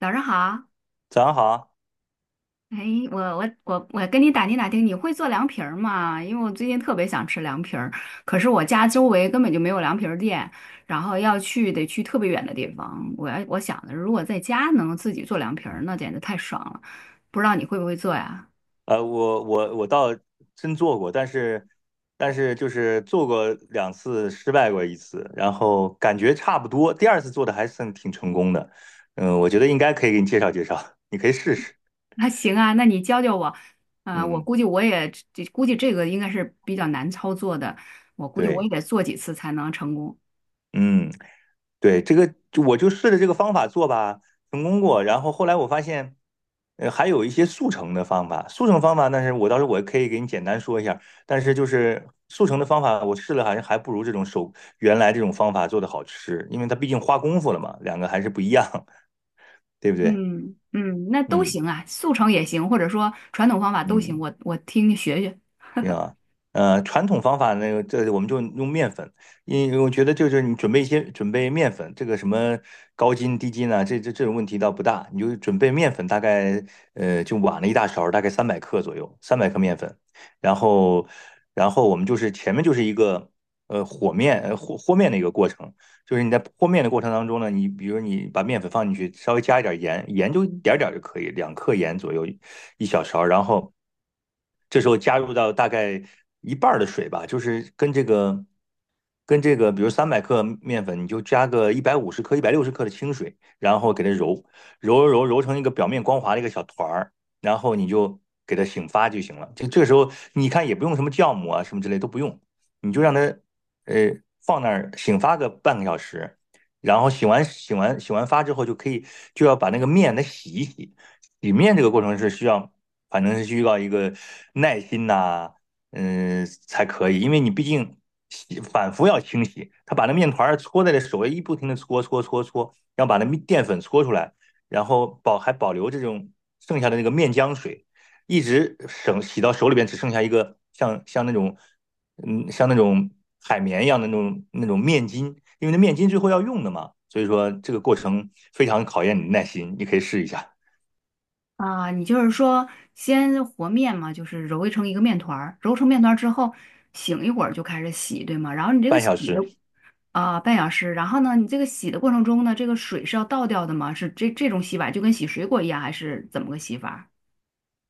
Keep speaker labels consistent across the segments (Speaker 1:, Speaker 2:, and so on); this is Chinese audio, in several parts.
Speaker 1: 早上好，
Speaker 2: 早上好啊，
Speaker 1: 哎，我跟你打听打听，你会做凉皮儿吗？因为我最近特别想吃凉皮儿，可是我家周围根本就没有凉皮儿店，然后要去得去特别远的地方。我想的，如果在家能自己做凉皮儿，那简直太爽了。不知道你会不会做呀？
Speaker 2: 我倒真做过，但是就是做过2次，失败过一次，然后感觉差不多，第二次做的还算挺成功的，嗯，我觉得应该可以给你介绍介绍，你可以试试，
Speaker 1: 那行啊，那你教教我。
Speaker 2: 嗯，
Speaker 1: 估计这个应该是比较难操作的，我估计我也
Speaker 2: 对，
Speaker 1: 得做几次才能成功。
Speaker 2: 嗯。对，这个我就试着这个方法做吧，成功过。然后后来我发现，还有一些速成的方法。速成方法，但是我到时候我可以给你简单说一下。但是就是速成的方法，我试了好像还不如这种手原来这种方法做的好吃，因为它毕竟花功夫了嘛，两个还是不一样，对不对？
Speaker 1: 嗯嗯，那都
Speaker 2: 嗯
Speaker 1: 行啊，速成也行，或者说传统方法都行，
Speaker 2: 嗯。
Speaker 1: 我听听学学
Speaker 2: 对啊，传统方法那个，这我们就用面粉，因为我觉得就是你准备面粉，这个什么高筋低筋啊，这种问题倒不大，你就准备面粉，大概就碗了一大勺，大概三百克左右，三百克面粉，然后然后我们就是前面就是一个和面的一个过程，就是你在和面的过程当中呢，你比如你把面粉放进去，稍微加一点盐，盐就一点儿点儿就可以，2克盐左右，一小勺，然后这时候加入到大概一半儿的水吧，就是跟这个，比如三百克面粉，你就加个150克、160克的清水，然后给它揉成一个表面光滑的一个小团儿，然后你就给它醒发就行了。这个时候你看也不用什么酵母啊什么之类都不用，你就让它呃放那儿醒发个半个小时。然后醒完发之后，就可以就要把那个面它洗一洗，洗面这个过程是需要，反正是需要一个耐心呐、才可以，因为你毕竟反复要清洗，他把那面团搓在这手里一不停的搓搓搓搓，然后把那面淀粉搓出来，然后保留这种剩下的那个面浆水，一直省洗到手里边只剩下一个像那种海绵一样的那种面筋，因为那面筋最后要用的嘛，所以说这个过程非常考验你的耐心，你可以试一下
Speaker 1: 啊。你就是说，先和面嘛，就是揉成一个面团儿，揉成面团儿之后，醒一会儿就开始洗，对吗？然后你这个
Speaker 2: 半
Speaker 1: 洗
Speaker 2: 小
Speaker 1: 的
Speaker 2: 时。
Speaker 1: 啊、半小时，然后呢，你这个洗的过程中呢，这个水是要倒掉的吗？是这种洗法就跟洗水果一样，还是怎么个洗法？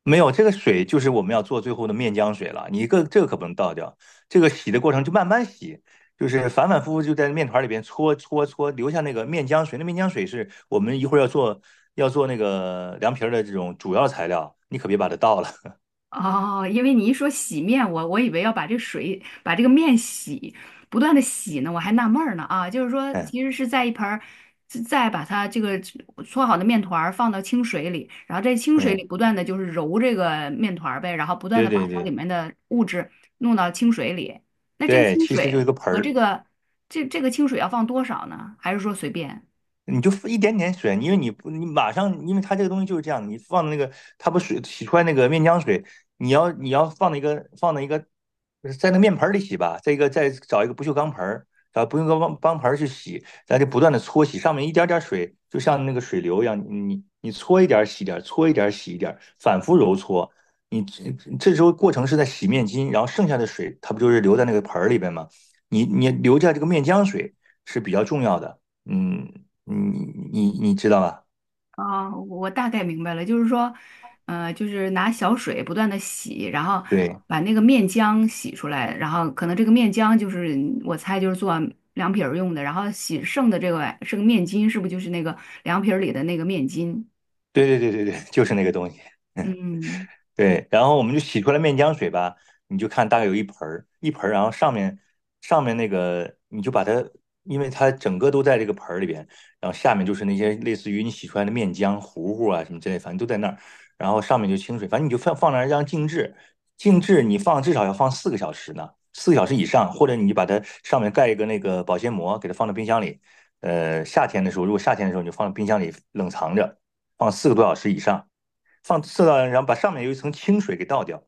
Speaker 2: 没有，这个水就是我们要做最后的面浆水了。你一个这个可不能倒掉，这个洗的过程就慢慢洗，就是反反复复就在面团里边搓搓搓，留下那个面浆水。那面浆水是我们一会儿要做那个凉皮儿的这种主要材料，你可别把它倒了。
Speaker 1: 哦，因为你一说洗面，我以为要把这水把这个面洗，不断的洗呢，我还纳闷儿呢啊，就是说
Speaker 2: 嗯，
Speaker 1: 其实是在一盆儿，是再把它这个搓好的面团儿放到清水里，然后在清水里
Speaker 2: 对
Speaker 1: 不断的就是揉这个面团儿呗，然后不断
Speaker 2: 对
Speaker 1: 的把
Speaker 2: 对
Speaker 1: 它
Speaker 2: 对
Speaker 1: 里面的物质弄到清水里。那这个
Speaker 2: 对，
Speaker 1: 清
Speaker 2: 其实就一
Speaker 1: 水
Speaker 2: 个盆
Speaker 1: 和这
Speaker 2: 儿，
Speaker 1: 个这这个清水要放多少呢？还是说随便？
Speaker 2: 你就一点点水，因为你不你马上，因为它这个东西就是这样，你放的那个它不水洗出来那个面浆水，你要放那一个在那个面盆儿里洗吧，再一个再找一个不锈钢盆儿，找不锈钢盆儿去洗，咱就不断的搓洗，上面一点点水，就像那个水流一样，你搓一点儿洗一点儿，搓一点儿洗一点儿，反复揉搓。你这时候过程是在洗面巾，然后剩下的水它不就是留在那个盆儿里边吗？你留下这个面浆水是比较重要的。嗯，你你知道吧？
Speaker 1: 啊，我大概明白了，就是说，就是拿小水不断的洗，然后
Speaker 2: 对啊
Speaker 1: 把那个面浆洗出来，然后可能这个面浆就是我猜就是做凉皮儿用的，然后洗剩的这个剩个面筋，是不是就是那个凉皮儿里的那个面筋？
Speaker 2: 对对对对对，就是那个东西。
Speaker 1: 嗯，
Speaker 2: 对，然后我们就洗出来面浆水吧，你就看大概有一盆儿，一盆儿，然后上面那个你就把它，因为它整个都在这个盆儿里边，然后下面就是那些类似于你洗出来的面浆糊糊啊什么之类，反正都在那儿，然后上面就清水，反正你就放那儿让静置，静置你放至少要放四个小时呢，四个小时以上，或者你就把它上面盖一个那个保鲜膜，给它放到冰箱里，夏天的时候，如果夏天的时候你就放到冰箱里冷藏着，放4个多小时以上。放射到，然后把上面有一层清水给倒掉，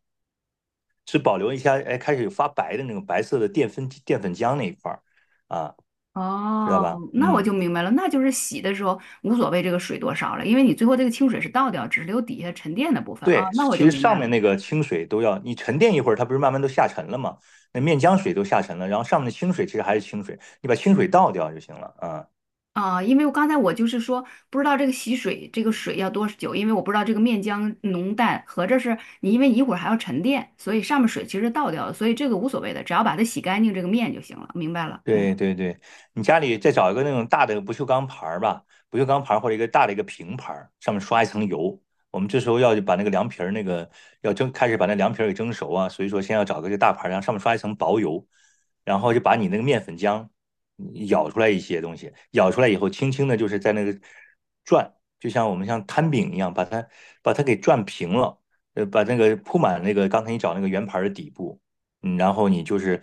Speaker 2: 只保留一下，哎，开始有发白的那种白色的淀粉浆那一块儿啊，知道
Speaker 1: 哦，
Speaker 2: 吧？
Speaker 1: 那我就
Speaker 2: 嗯，
Speaker 1: 明白了，那就是洗的时候无所谓这个水多少了，因为你最后这个清水是倒掉，只是留底下沉淀的部分啊，
Speaker 2: 对，
Speaker 1: 那我就
Speaker 2: 其实
Speaker 1: 明
Speaker 2: 上
Speaker 1: 白了。
Speaker 2: 面那个清水都要你沉淀一会儿，它不是慢慢都下沉了吗？那面浆水都下沉了，然后上面的清水其实还是清水，你把清水倒掉就行了啊。
Speaker 1: 啊，因为我刚才就是说不知道这个洗水这个水要多久，因为我不知道这个面浆浓淡，合着是你因为一会儿还要沉淀，所以上面水其实倒掉了，所以这个无所谓的，只要把它洗干净这个面就行了，明白了，嗯。
Speaker 2: 对对对，你家里再找一个那种大的不锈钢盘儿吧，不锈钢盘儿或者一个大的一个平盘儿，上面刷一层油。我们这时候要把那个凉皮儿那个要蒸，开始把那凉皮儿给蒸熟啊，所以说先要找个这大盘儿，然后上面刷一层薄油，然后就把你那个面粉浆舀出来一些东西，舀出来以后，轻轻的就是在那个转，就像我们像摊饼一样，把它给转平了，把那个铺满那个刚才你找那个圆盘儿的底部。嗯，然后你就是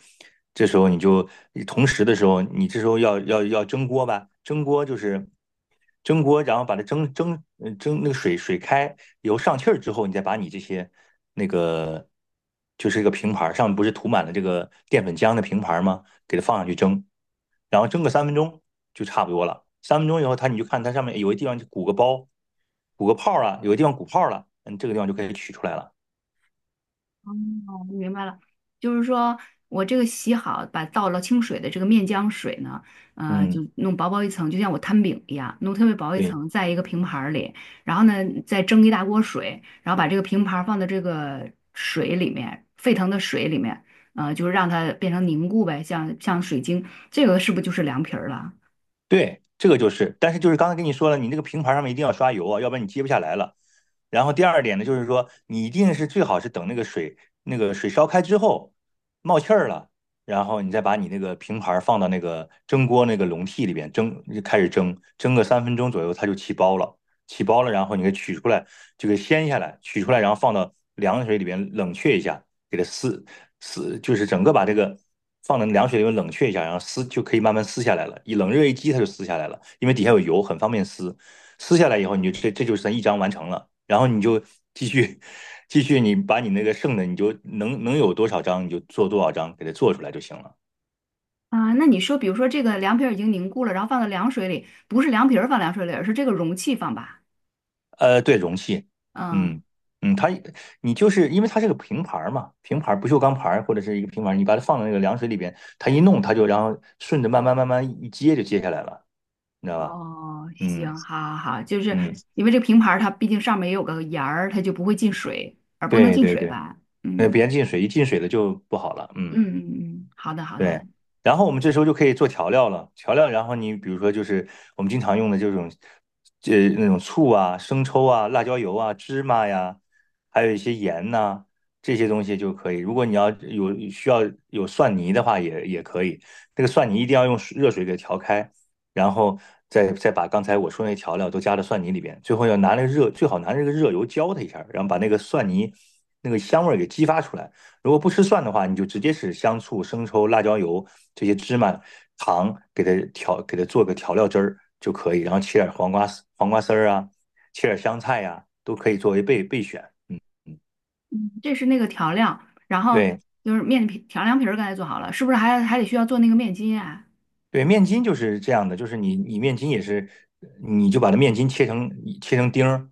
Speaker 2: 这时候你就同时的时候，你这时候要蒸锅吧？蒸锅就是蒸锅，然后把它蒸那个水开油上气儿之后，你再把你这些那个就是一个平盘儿上面不是涂满了这个淀粉浆的平盘儿吗？给它放上去蒸，然后蒸个三分钟就差不多了。三分钟以后，它你就看它上面有个地方就鼓个包，鼓个泡儿了，有个地方鼓泡儿了，嗯，这个地方就可以取出来了。
Speaker 1: 明白了，就是说我这个洗好，把倒了清水的这个面浆水呢，就
Speaker 2: 嗯，
Speaker 1: 弄薄薄一层，就像我摊饼一样，弄特别薄一
Speaker 2: 对。
Speaker 1: 层，在一个平盘儿里，然后呢，再蒸一大锅水，然后把这个平盘儿放到这个水里面，沸腾的水里面，就是让它变成凝固呗，像水晶，这个是不是就是凉皮儿了？
Speaker 2: 对，这个就是，但是就是刚才跟你说了，你那个平盘上面一定要刷油啊，要不然你接不下来了。然后第二点呢，就是说你一定是最好是等那个水烧开之后冒气儿了，然后你再把你那个平盘放到那个蒸锅那个笼屉里边蒸，就开始蒸，蒸个三分钟左右，它就起包了。起包了，然后你给取出来，就给掀下来，取出来，然后放到凉水里边冷却一下，给它撕撕，就是整个把这个放到凉水里面冷却一下，然后撕就可以慢慢撕下来了。一冷热一激，它就撕下来了，因为底下有油，很方便撕。撕下来以后，你就这就算一张完成了，然后你就继续继续，你把你那个剩的，你就能有多少张你就做多少张，给它做出来就行了。
Speaker 1: 啊，那你说，比如说这个凉皮儿已经凝固了，然后放到凉水里，不是凉皮儿放凉水里，而是这个容器放吧？
Speaker 2: 对，容器，
Speaker 1: 嗯。
Speaker 2: 嗯嗯，它你就是因为它是个平盘儿嘛，平盘儿不锈钢盘儿或者是一个平盘儿，你把它放到那个凉水里边，它一弄它就然后顺着慢慢一接就接下来了，你知道吧？
Speaker 1: 哦，
Speaker 2: 嗯
Speaker 1: 行，好好好，就是
Speaker 2: 嗯，
Speaker 1: 因为这个平盘儿它毕竟上面也有个沿儿，它就不会进水，而不能
Speaker 2: 对
Speaker 1: 进
Speaker 2: 对
Speaker 1: 水
Speaker 2: 对，
Speaker 1: 吧？
Speaker 2: 那
Speaker 1: 嗯
Speaker 2: 别进水，一进水了就不好了，
Speaker 1: 嗯
Speaker 2: 嗯。
Speaker 1: 嗯嗯，好的好的，
Speaker 2: 对，然后我们这时候就可以做调料了。调料，然后你比如说就是我们经常用的这种，那种醋啊、生抽啊、辣椒油啊、芝麻呀，还有一些盐呐、这些东西就可以。如果你要有需要有蒜泥的话也可以。那个蒜泥一定要用水热水给调开，然后再把刚才我说那调料都加到蒜泥里边。最后要拿那个热，最好拿那个热油浇它一下，然后把那个蒜泥那个香味儿给激发出来。如果不吃蒜的话，你就直接是香醋、生抽、辣椒油这些芝麻、糖给它调，给它做个调料汁儿就可以，然后切点黄瓜丝、黄瓜丝儿啊，切点香菜呀、啊都可以作为备选。嗯嗯，
Speaker 1: 嗯，这是那个调料，然后
Speaker 2: 对。
Speaker 1: 就是面皮调凉皮儿刚才做好了，是不是还得需要做那个面筋啊？
Speaker 2: 对，面筋就是这样的，就是你面筋也是，你就把它面筋切成丁儿，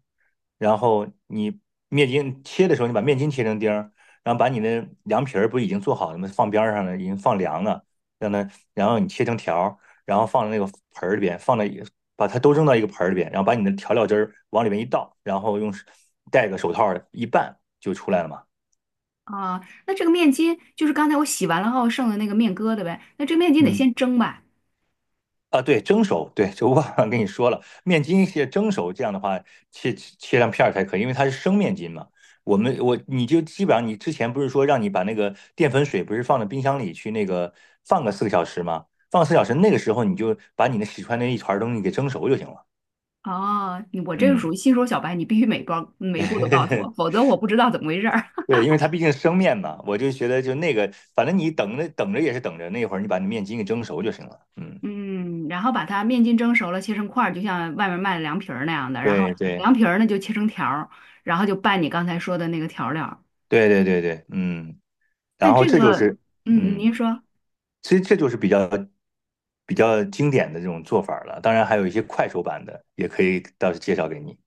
Speaker 2: 然后你面筋切的时候，你把面筋切成丁儿，然后把你的凉皮儿不已经做好了吗？放边儿上了，已经放凉了，让它，然后你切成条儿，然后放在那个盆儿里边，放在把它都扔到一个盆儿里边，然后把你的调料汁儿往里面一倒，然后用戴个手套儿一拌就出来了嘛。
Speaker 1: 啊，那这个面筋就是刚才我洗完了后剩的那个面疙瘩呗，那这面筋得
Speaker 2: 嗯。
Speaker 1: 先蒸吧？
Speaker 2: 啊，对，蒸熟，对，就忘了跟你说了，面筋是蒸熟，这样的话切成片儿才可以，因为它是生面筋嘛。我们我你就基本上你之前不是说让你把那个淀粉水不是放到冰箱里去那个放个4个小时吗？放4小时，那个时候你就把你那洗出来那一团儿东西给蒸熟就行了。
Speaker 1: 哦，你我这个
Speaker 2: 嗯，
Speaker 1: 属于新手小白，你必须每一步都告诉我，否 则我不知道怎么回事儿。
Speaker 2: 对，因为它毕竟是生面嘛，我就觉得就那个，反正你等着等着也是等着，那会儿你把那面筋给蒸熟就行了。嗯，
Speaker 1: 嗯，然后把它面筋蒸熟了，切成块儿，就像外面卖的凉皮儿那样的。然
Speaker 2: 对
Speaker 1: 后
Speaker 2: 对
Speaker 1: 凉皮儿呢就切成条儿，然后就拌你刚才说的那个调料儿
Speaker 2: 对对对对，嗯。
Speaker 1: 但
Speaker 2: 然后
Speaker 1: 这
Speaker 2: 这就
Speaker 1: 个，
Speaker 2: 是
Speaker 1: 嗯嗯，
Speaker 2: 嗯。
Speaker 1: 您说，
Speaker 2: 其实这就是比较经典的这种做法儿了。当然，还有一些快手版的，也可以到时介绍给你。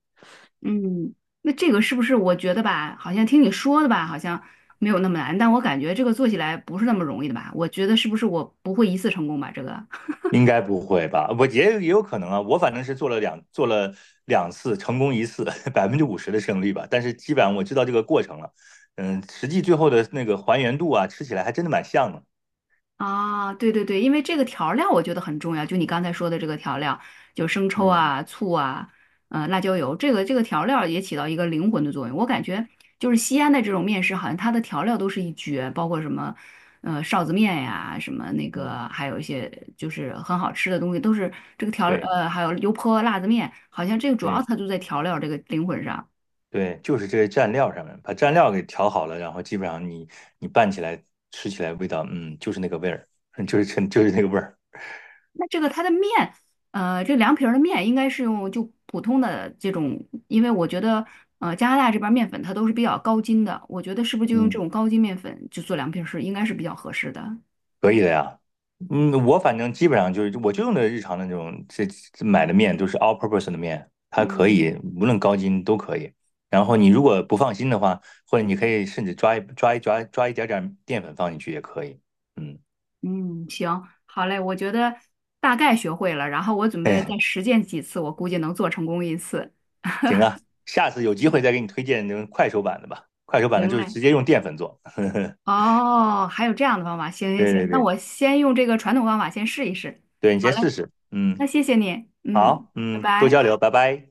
Speaker 1: 嗯，那这个是不是我觉得吧，好像听你说的吧，好像没有那么难，但我感觉这个做起来不是那么容易的吧？我觉得是不是我不会一次成功吧？这个，
Speaker 2: 应该不会吧？我也有可能啊。我反正是做了两次，成功一次，50%的胜率吧。但是基本上我知道这个过程了。嗯，实际最后的那个还原度啊，吃起来还真的蛮像的。
Speaker 1: 啊，对对对，因为这个调料我觉得很重要，就你刚才说的这个调料，就生抽
Speaker 2: 嗯
Speaker 1: 啊、醋啊、辣椒油，这个调料也起到一个灵魂的作用。我感觉就是西安的这种面食，好像它的调料都是一绝，包括什么臊子面呀、什么那
Speaker 2: 嗯，
Speaker 1: 个，还有一些就是很好吃的东西，都是这个调
Speaker 2: 对
Speaker 1: 呃还有油泼辣子面，好像这个主要
Speaker 2: 对。
Speaker 1: 它就在调料这个灵魂上。
Speaker 2: 对，就是这些蘸料上面，把蘸料给调好了，然后基本上你拌起来吃起来味道，嗯，就是那个味儿，就是那个味儿
Speaker 1: 那这个它的面，这凉皮儿的面应该是用就普通的这种，因为我觉得，加拿大这边儿面粉它都是比较高筋的，我觉得是不是 就用这
Speaker 2: 嗯，
Speaker 1: 种高筋面粉就做凉皮儿是应该是比较合适的。
Speaker 2: 可以的呀。嗯，我反正基本上就是，我就用的日常的那种这买的面都是 all purpose 的面，它可
Speaker 1: 嗯
Speaker 2: 以无论高筋都可以。然后你如果不放心的话，或者你可以甚至抓一点点淀粉放进去也可以。嗯，
Speaker 1: 嗯，行，好嘞，我觉得大概学会了，然后我准备
Speaker 2: 哎，
Speaker 1: 再实践几次，我估计能做成功一次。
Speaker 2: 行啊，下次有机会再给你推荐那种快手版的吧，快手版的
Speaker 1: 行
Speaker 2: 就是
Speaker 1: 嘞，
Speaker 2: 直接用淀粉做。
Speaker 1: 哦，还有这样的方法，行行
Speaker 2: 对
Speaker 1: 行，
Speaker 2: 对
Speaker 1: 那
Speaker 2: 对
Speaker 1: 我先用这个传统方法先试一试。
Speaker 2: 对，你
Speaker 1: 好
Speaker 2: 先试
Speaker 1: 嘞，
Speaker 2: 试。
Speaker 1: 那
Speaker 2: 嗯，
Speaker 1: 谢谢你，嗯，
Speaker 2: 好，
Speaker 1: 拜
Speaker 2: 嗯，多
Speaker 1: 拜。
Speaker 2: 交流，拜拜。